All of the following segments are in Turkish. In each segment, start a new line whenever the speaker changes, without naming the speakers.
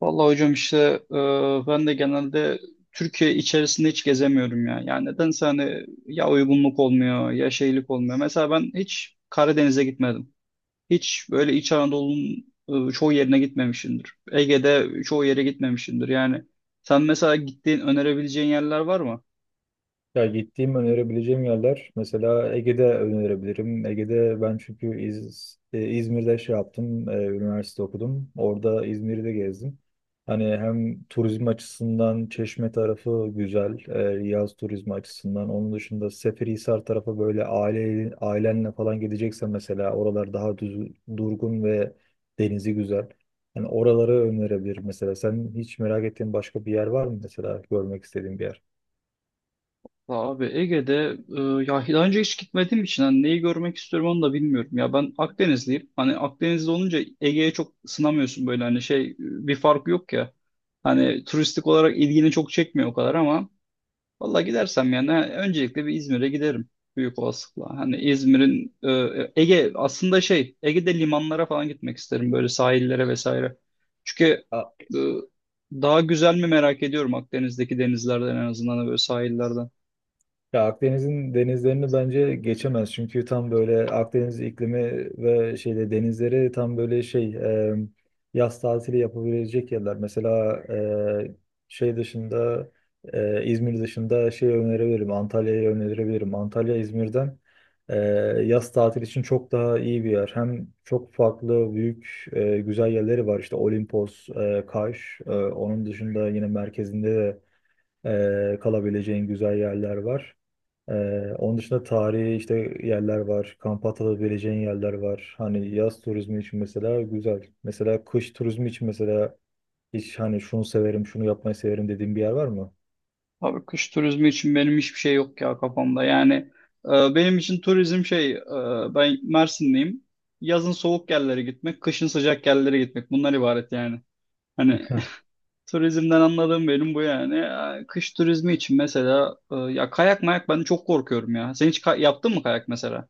Vallahi hocam işte e, ben de genelde Türkiye içerisinde hiç gezemiyorum ya. Yani nedense hani ya uygunluk olmuyor ya şeylik olmuyor. Mesela ben hiç Karadeniz'e gitmedim. Hiç böyle İç Anadolu'nun çoğu yerine gitmemişimdir. Ege'de çoğu yere gitmemişimdir. Yani sen mesela gittiğin önerebileceğin yerler var mı?
Ya gittiğim önerebileceğim yerler mesela Ege'de önerebilirim. Ege'de ben çünkü İzmir'de şey yaptım, üniversite okudum. Orada İzmir'i de gezdim. Hani hem turizm açısından Çeşme tarafı güzel, yaz turizmi açısından. Onun dışında Seferihisar tarafı böyle ailenle falan gideceksen mesela oralar daha düz, durgun ve denizi güzel. Hani oraları önerebilirim mesela. Sen hiç merak ettiğin başka bir yer var mı, mesela görmek istediğin bir yer?
Ya abi Ege'de e, ya daha önce hiç gitmediğim için hani neyi görmek istiyorum onu da bilmiyorum. Ya ben Akdenizliyim. Hani Akdenizli olunca Ege'ye çok sınamıyorsun böyle hani şey bir fark yok ya. Hani turistik olarak ilgini çok çekmiyor o kadar ama valla gidersem yani öncelikle bir İzmir'e giderim büyük olasılıkla. Hani İzmir'in Ege aslında şey Ege'de limanlara falan gitmek isterim böyle sahillere vesaire. Çünkü e, daha güzel mi merak ediyorum Akdeniz'deki denizlerden en azından da böyle sahillerden.
Ya Akdeniz'in denizlerini bence geçemez. Çünkü tam böyle Akdeniz iklimi ve şeyde denizleri tam böyle yaz tatili yapabilecek yerler. Mesela e, şey dışında, İzmir dışında şey önerebilirim. Antalya'yı önerebilirim. Antalya İzmir'den e, yaz tatili için çok daha iyi bir yer. Hem çok farklı büyük güzel yerleri var. İşte Olimpos, Kaş. Onun dışında yine merkezinde de kalabileceğin güzel yerler var. Onun dışında tarihi işte yerler var. Kamp atılabileceğin yerler var. Hani yaz turizmi için mesela güzel. Mesela kış turizmi için mesela hiç hani şunu severim, şunu yapmayı severim dediğim bir yer var mı?
Abi kış turizmi için benim hiçbir şey yok ya kafamda. Yani e, benim için turizm şey ben Mersinliyim. Yazın soğuk yerlere gitmek, kışın sıcak yerlere gitmek bunlar ibaret yani. Hani
Heh.
turizmden anladığım benim bu yani. Ya, kış turizmi için mesela ya kayak mayak ben çok korkuyorum ya. Sen hiç yaptın mı kayak mesela?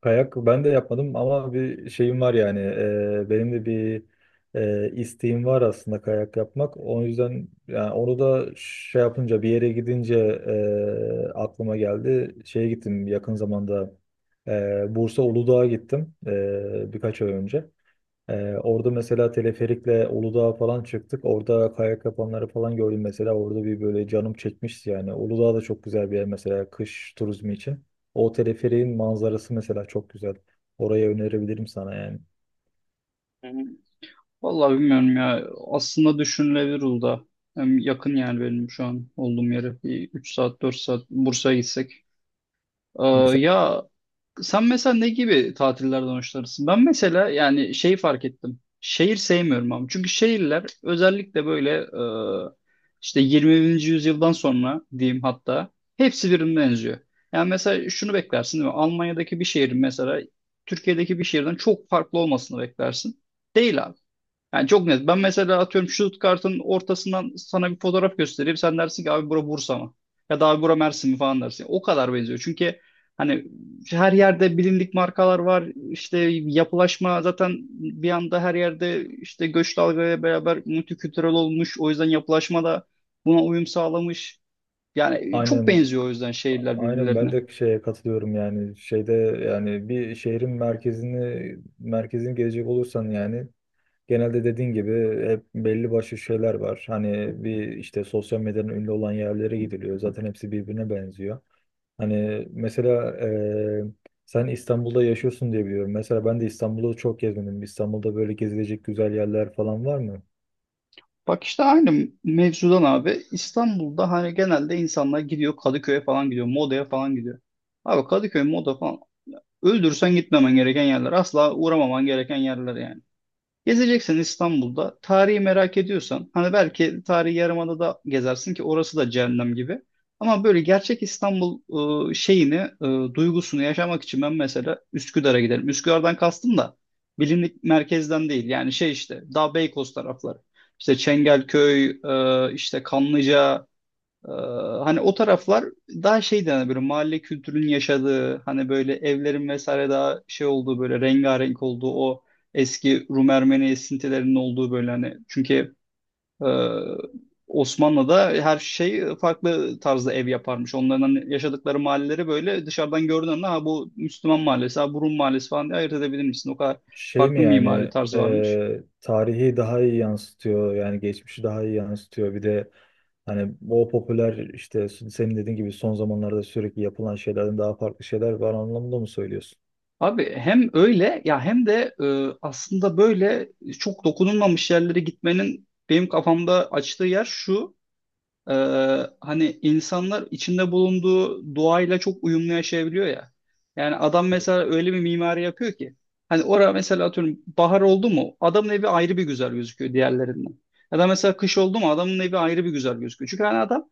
Kayak ben de yapmadım ama bir şeyim var yani. Benim de bir isteğim var aslında kayak yapmak. O yüzden yani onu da şey yapınca bir yere gidince aklıma geldi. Şeye gittim yakın zamanda. Bursa Uludağ'a gittim birkaç ay önce. Orada mesela teleferikle Uludağ'a falan çıktık. Orada kayak yapanları falan gördüm mesela. Orada bir böyle canım çekmişti yani. Uludağ da çok güzel bir yer mesela kış turizmi için. O teleferiğin manzarası mesela çok güzel. Orayı önerebilirim sana yani.
Hı hı. Vallahi bilmiyorum ya. Aslında düşünülebilir Uludağ. Hem yakın yani benim şu an olduğum yere. Bir 3 saat 4 saat Bursa'ya gitsek. Ee,
Mesela
ya, sen mesela ne gibi tatillerden hoşlanırsın? Ben mesela yani şeyi fark ettim. Şehir sevmiyorum ama. Çünkü şehirler özellikle böyle e, işte 20. yüzyıldan sonra diyeyim hatta hepsi birbirine benziyor. Yani mesela şunu beklersin değil mi? Almanya'daki bir şehrin mesela Türkiye'deki bir şehirden çok farklı olmasını beklersin. Değil yani çok net. Ben mesela atıyorum şut Stuttgart'ın ortasından sana bir fotoğraf göstereyim. Sen dersin ki abi bura Bursa mı? Ya da abi bura Mersin mi falan dersin. O kadar benziyor. Çünkü hani her yerde bilindik markalar var. İşte yapılaşma zaten bir anda her yerde işte göç dalgaya beraber multikültürel olmuş. O yüzden yapılaşma da buna uyum sağlamış. Yani çok
aynen,
benziyor o yüzden şehirler
aynen ben
birbirlerine.
de şeye katılıyorum yani. Şeyde yani bir şehrin merkezini gezecek olursan yani genelde dediğin gibi hep belli başlı şeyler var. Hani bir işte sosyal medyanın ünlü olan yerlere gidiliyor. Zaten hepsi birbirine benziyor. Hani mesela sen İstanbul'da yaşıyorsun diye biliyorum. Mesela ben de İstanbul'u çok gezmedim. İstanbul'da böyle gezilecek güzel yerler falan var mı?
Bak işte aynı mevzudan abi. İstanbul'da hani genelde insanlar gidiyor Kadıköy'e falan gidiyor. Moda'ya falan gidiyor. Abi Kadıköy, Moda falan öldürsen gitmemen gereken yerler. Asla uğramaman gereken yerler yani. Gezeceksen İstanbul'da tarihi merak ediyorsan hani belki tarihi Yarımada'da gezersin ki orası da cehennem gibi. Ama böyle gerçek İstanbul şeyini, duygusunu yaşamak için ben mesela Üsküdar'a giderim. Üsküdar'dan kastım da bilindik merkezden değil. Yani şey işte daha Beykoz tarafları. İşte Çengelköy, işte Kanlıca, ee, hani o taraflar daha şey hani böyle mahalle kültürünün yaşadığı hani böyle evlerin vesaire daha şey olduğu böyle rengarenk olduğu o eski Rum Ermeni esintilerinin olduğu böyle hani çünkü e, Osmanlı'da her şey farklı tarzda ev yaparmış. Onların hani yaşadıkları mahalleleri böyle dışarıdan gördüğün anda ha bu Müslüman mahallesi, ha bu Rum mahallesi falan diye ayırt edebilir misin? O kadar
Şey
farklı
mi
mimari
yani,
tarz varmış.
tarihi daha iyi yansıtıyor. Yani geçmişi daha iyi yansıtıyor. Bir de hani o popüler işte senin dediğin gibi son zamanlarda sürekli yapılan şeylerden daha farklı şeyler var anlamında mı söylüyorsun?
Abi hem öyle ya hem de aslında böyle çok dokunulmamış yerlere gitmenin benim kafamda açtığı yer şu. e, Hani insanlar içinde bulunduğu doğayla çok uyumlu yaşayabiliyor ya. Yani adam mesela öyle bir mimari yapıyor ki. Hani orada mesela atıyorum bahar oldu mu adamın evi ayrı bir güzel gözüküyor diğerlerinden. Ya da mesela kış oldu mu adamın evi ayrı bir güzel gözüküyor. Çünkü hani adam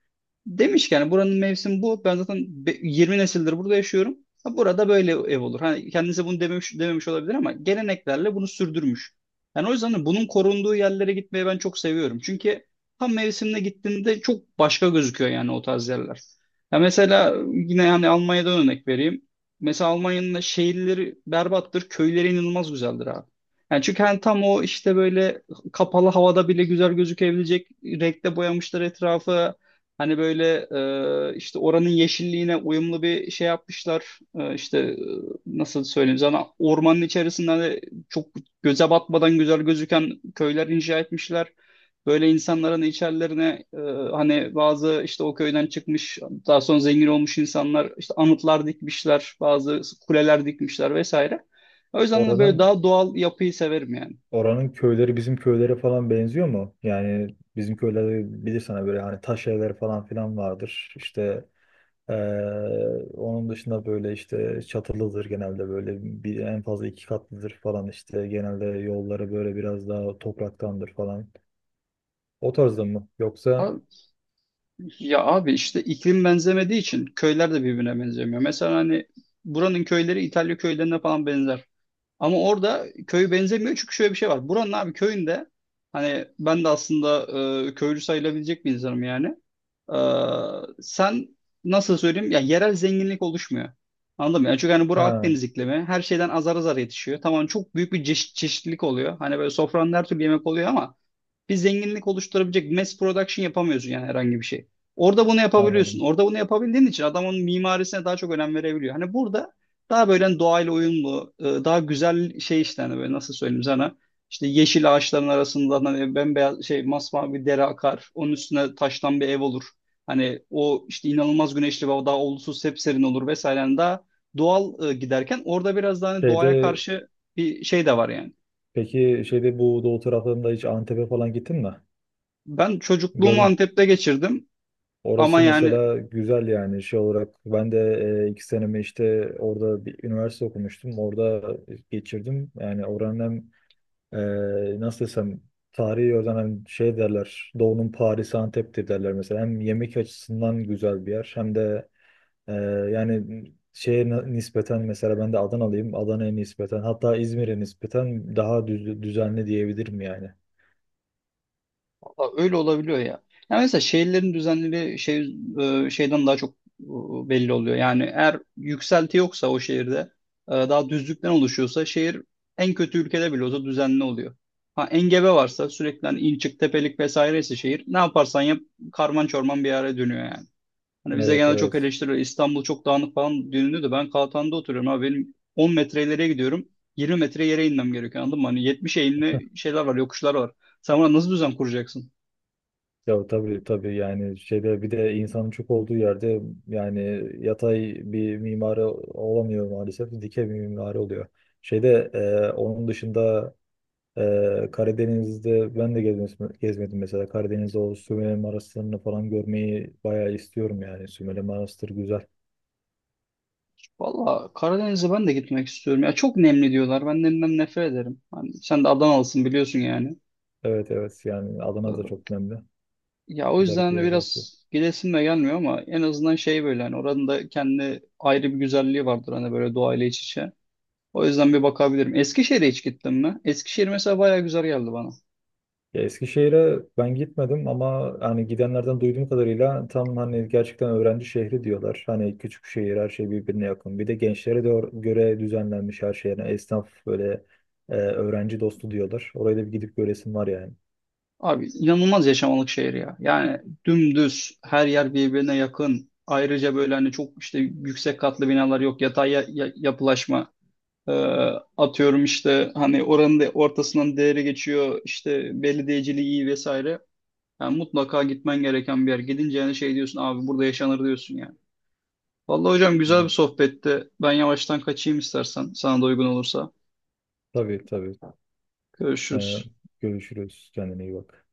demiş ki yani buranın mevsimi bu. Ben zaten 20 nesildir burada yaşıyorum. Ha, burada böyle ev olur. Hani kendisi bunu dememiş, dememiş olabilir ama geleneklerle bunu sürdürmüş. Yani o yüzden de bunun korunduğu yerlere gitmeyi ben çok seviyorum. Çünkü tam mevsimine gittiğinde çok başka gözüküyor yani o tarz yerler. Ya mesela yine yani Almanya'dan örnek vereyim. Mesela Almanya'nın da şehirleri berbattır, köyleri inanılmaz güzeldir abi. Yani çünkü hani tam o işte böyle kapalı havada bile güzel gözükebilecek renkte boyamışlar etrafı. Hani böyle işte oranın yeşilliğine uyumlu bir şey yapmışlar. İşte nasıl söyleyeyim sana ormanın içerisinde hani çok göze batmadan güzel gözüken köyler inşa etmişler. Böyle insanların içerilerine hani bazı işte o köyden çıkmış daha sonra zengin olmuş insanlar işte anıtlar dikmişler, bazı kuleler dikmişler vesaire. O yüzden de böyle
Oranın
daha doğal yapıyı severim yani.
Oranın köyleri bizim köylere falan benziyor mu? Yani bizim köylerde bilirsen hani böyle hani taş evler falan filan vardır. İşte onun dışında böyle işte çatılıdır genelde böyle bir, en fazla iki katlıdır falan işte genelde yolları böyle biraz daha topraktandır falan. O tarzda mı? Yoksa
Ya abi işte iklim benzemediği için köyler de birbirine benzemiyor. Mesela hani buranın köyleri İtalya köylerine falan benzer. Ama orada köy benzemiyor çünkü şöyle bir şey var. Buranın abi köyünde hani ben de aslında köylü sayılabilecek bir insanım yani. E, Sen nasıl söyleyeyim ya yerel zenginlik oluşmuyor. Anladın mı? Yani çünkü hani bura
ha,
Akdeniz iklimi her şeyden azar azar yetişiyor. Tamam çok büyük bir çeşitlilik oluyor. Hani böyle sofranın her türlü yemek oluyor ama bir zenginlik oluşturabilecek mass production yapamıyorsun yani herhangi bir şey. Orada bunu yapabiliyorsun.
anladım.
Orada bunu yapabildiğin için adam onun mimarisine daha çok önem verebiliyor. Hani burada daha böyle hani doğayla uyumlu, daha güzel şey işte hani böyle nasıl söyleyeyim sana. İşte yeşil ağaçların arasında hani bembeyaz şey masmavi bir dere akar. Onun üstüne taştan bir ev olur. Hani o işte inanılmaz güneşli ve daha olumsuz sepserin olur vesaire. Yani daha doğal giderken orada biraz daha hani doğaya
Şeyde
karşı bir şey de var yani.
peki şeyde bu doğu taraflarında hiç Antep'e falan gittin mi?
Ben çocukluğumu
Gördün.
Antep'te geçirdim. Ama
Orası
yani
mesela güzel yani şey olarak ben de iki senemi işte orada bir üniversite okumuştum. Orada geçirdim. Yani oranın hem nasıl desem tarihi oradan, hem şey derler, Doğu'nun Paris'i Antep'tir derler mesela. Hem yemek açısından güzel bir yer hem de e, yani şeye nispeten mesela ben de Adanalıyım. Adana'ya nispeten, hatta İzmir'e nispeten daha düzenli diyebilirim yani.
valla öyle olabiliyor ya. Yani mesela şehirlerin düzenleri şey şeyden daha çok belli oluyor. Yani eğer yükselti yoksa o şehirde daha düzlükten oluşuyorsa şehir en kötü ülkede bile olsa düzenli oluyor. Ha engebe varsa sürekli hani in çık tepelik vesaireyse şehir ne yaparsan yap karman çorman bir yere dönüyor yani. Hani bize
Evet,
genelde çok
evet.
eleştiriyor. İstanbul çok dağınık falan deniliyor da ben Kaltan'da oturuyorum abi. Benim 10 metre ileriye gidiyorum. 20 metre yere inmem gerekiyor anladın mı? Hani 70 eğimli şeyler var, yokuşlar var. Sen buna nasıl düzen kuracaksın?
Ya tabii, tabii yani şeyde bir de insanın çok olduğu yerde yani yatay bir mimari olamıyor maalesef, dikey bir mimari oluyor. Şeyde, onun dışında, Karadeniz'de ben de gezmedim mesela. Karadeniz'de o Sümele Manastırı'nı falan görmeyi bayağı istiyorum yani. Sümele manastır güzel.
Valla Karadeniz'e ben de gitmek istiyorum. Ya çok nemli diyorlar. Ben nemden nefret ederim. Hani sen de Adanalısın biliyorsun yani.
Evet, evet. Yani Adana da
Ee,
çok önemli
Ya o yüzden
özellikle
de
yaz vakti.
biraz gidesim de gelmiyor ama en azından şey böyle hani oranın da kendi ayrı bir güzelliği vardır hani böyle doğayla iç içe. O yüzden bir bakabilirim. Eskişehir'e hiç gittim mi? Eskişehir mesela bayağı güzel geldi bana.
Ya Eskişehir'e ben gitmedim ama hani gidenlerden duyduğum kadarıyla tam hani gerçekten öğrenci şehri diyorlar. Hani küçük şehir, her şey birbirine yakın. Bir de gençlere de göre düzenlenmiş her şey. Yani esnaf böyle öğrenci dostu diyorlar. Oraya da bir gidip göresim var yani.
Abi inanılmaz yaşamalık şehir ya. Yani dümdüz her yer birbirine yakın. Ayrıca böyle hani çok işte yüksek katlı binalar yok. Yatay yapılaşma. Ee, Atıyorum işte hani oranın da ortasından değeri geçiyor. İşte belediyeciliği iyi vesaire. Yani mutlaka gitmen gereken bir yer. Gidince yani şey diyorsun abi burada yaşanır diyorsun yani. Vallahi hocam güzel bir
Tamam.
sohbetti. Ben yavaştan kaçayım istersen sana da uygun olursa.
Tabii, tabii. E,
Görüşürüz.
Görüşürüz. Kendine iyi bak.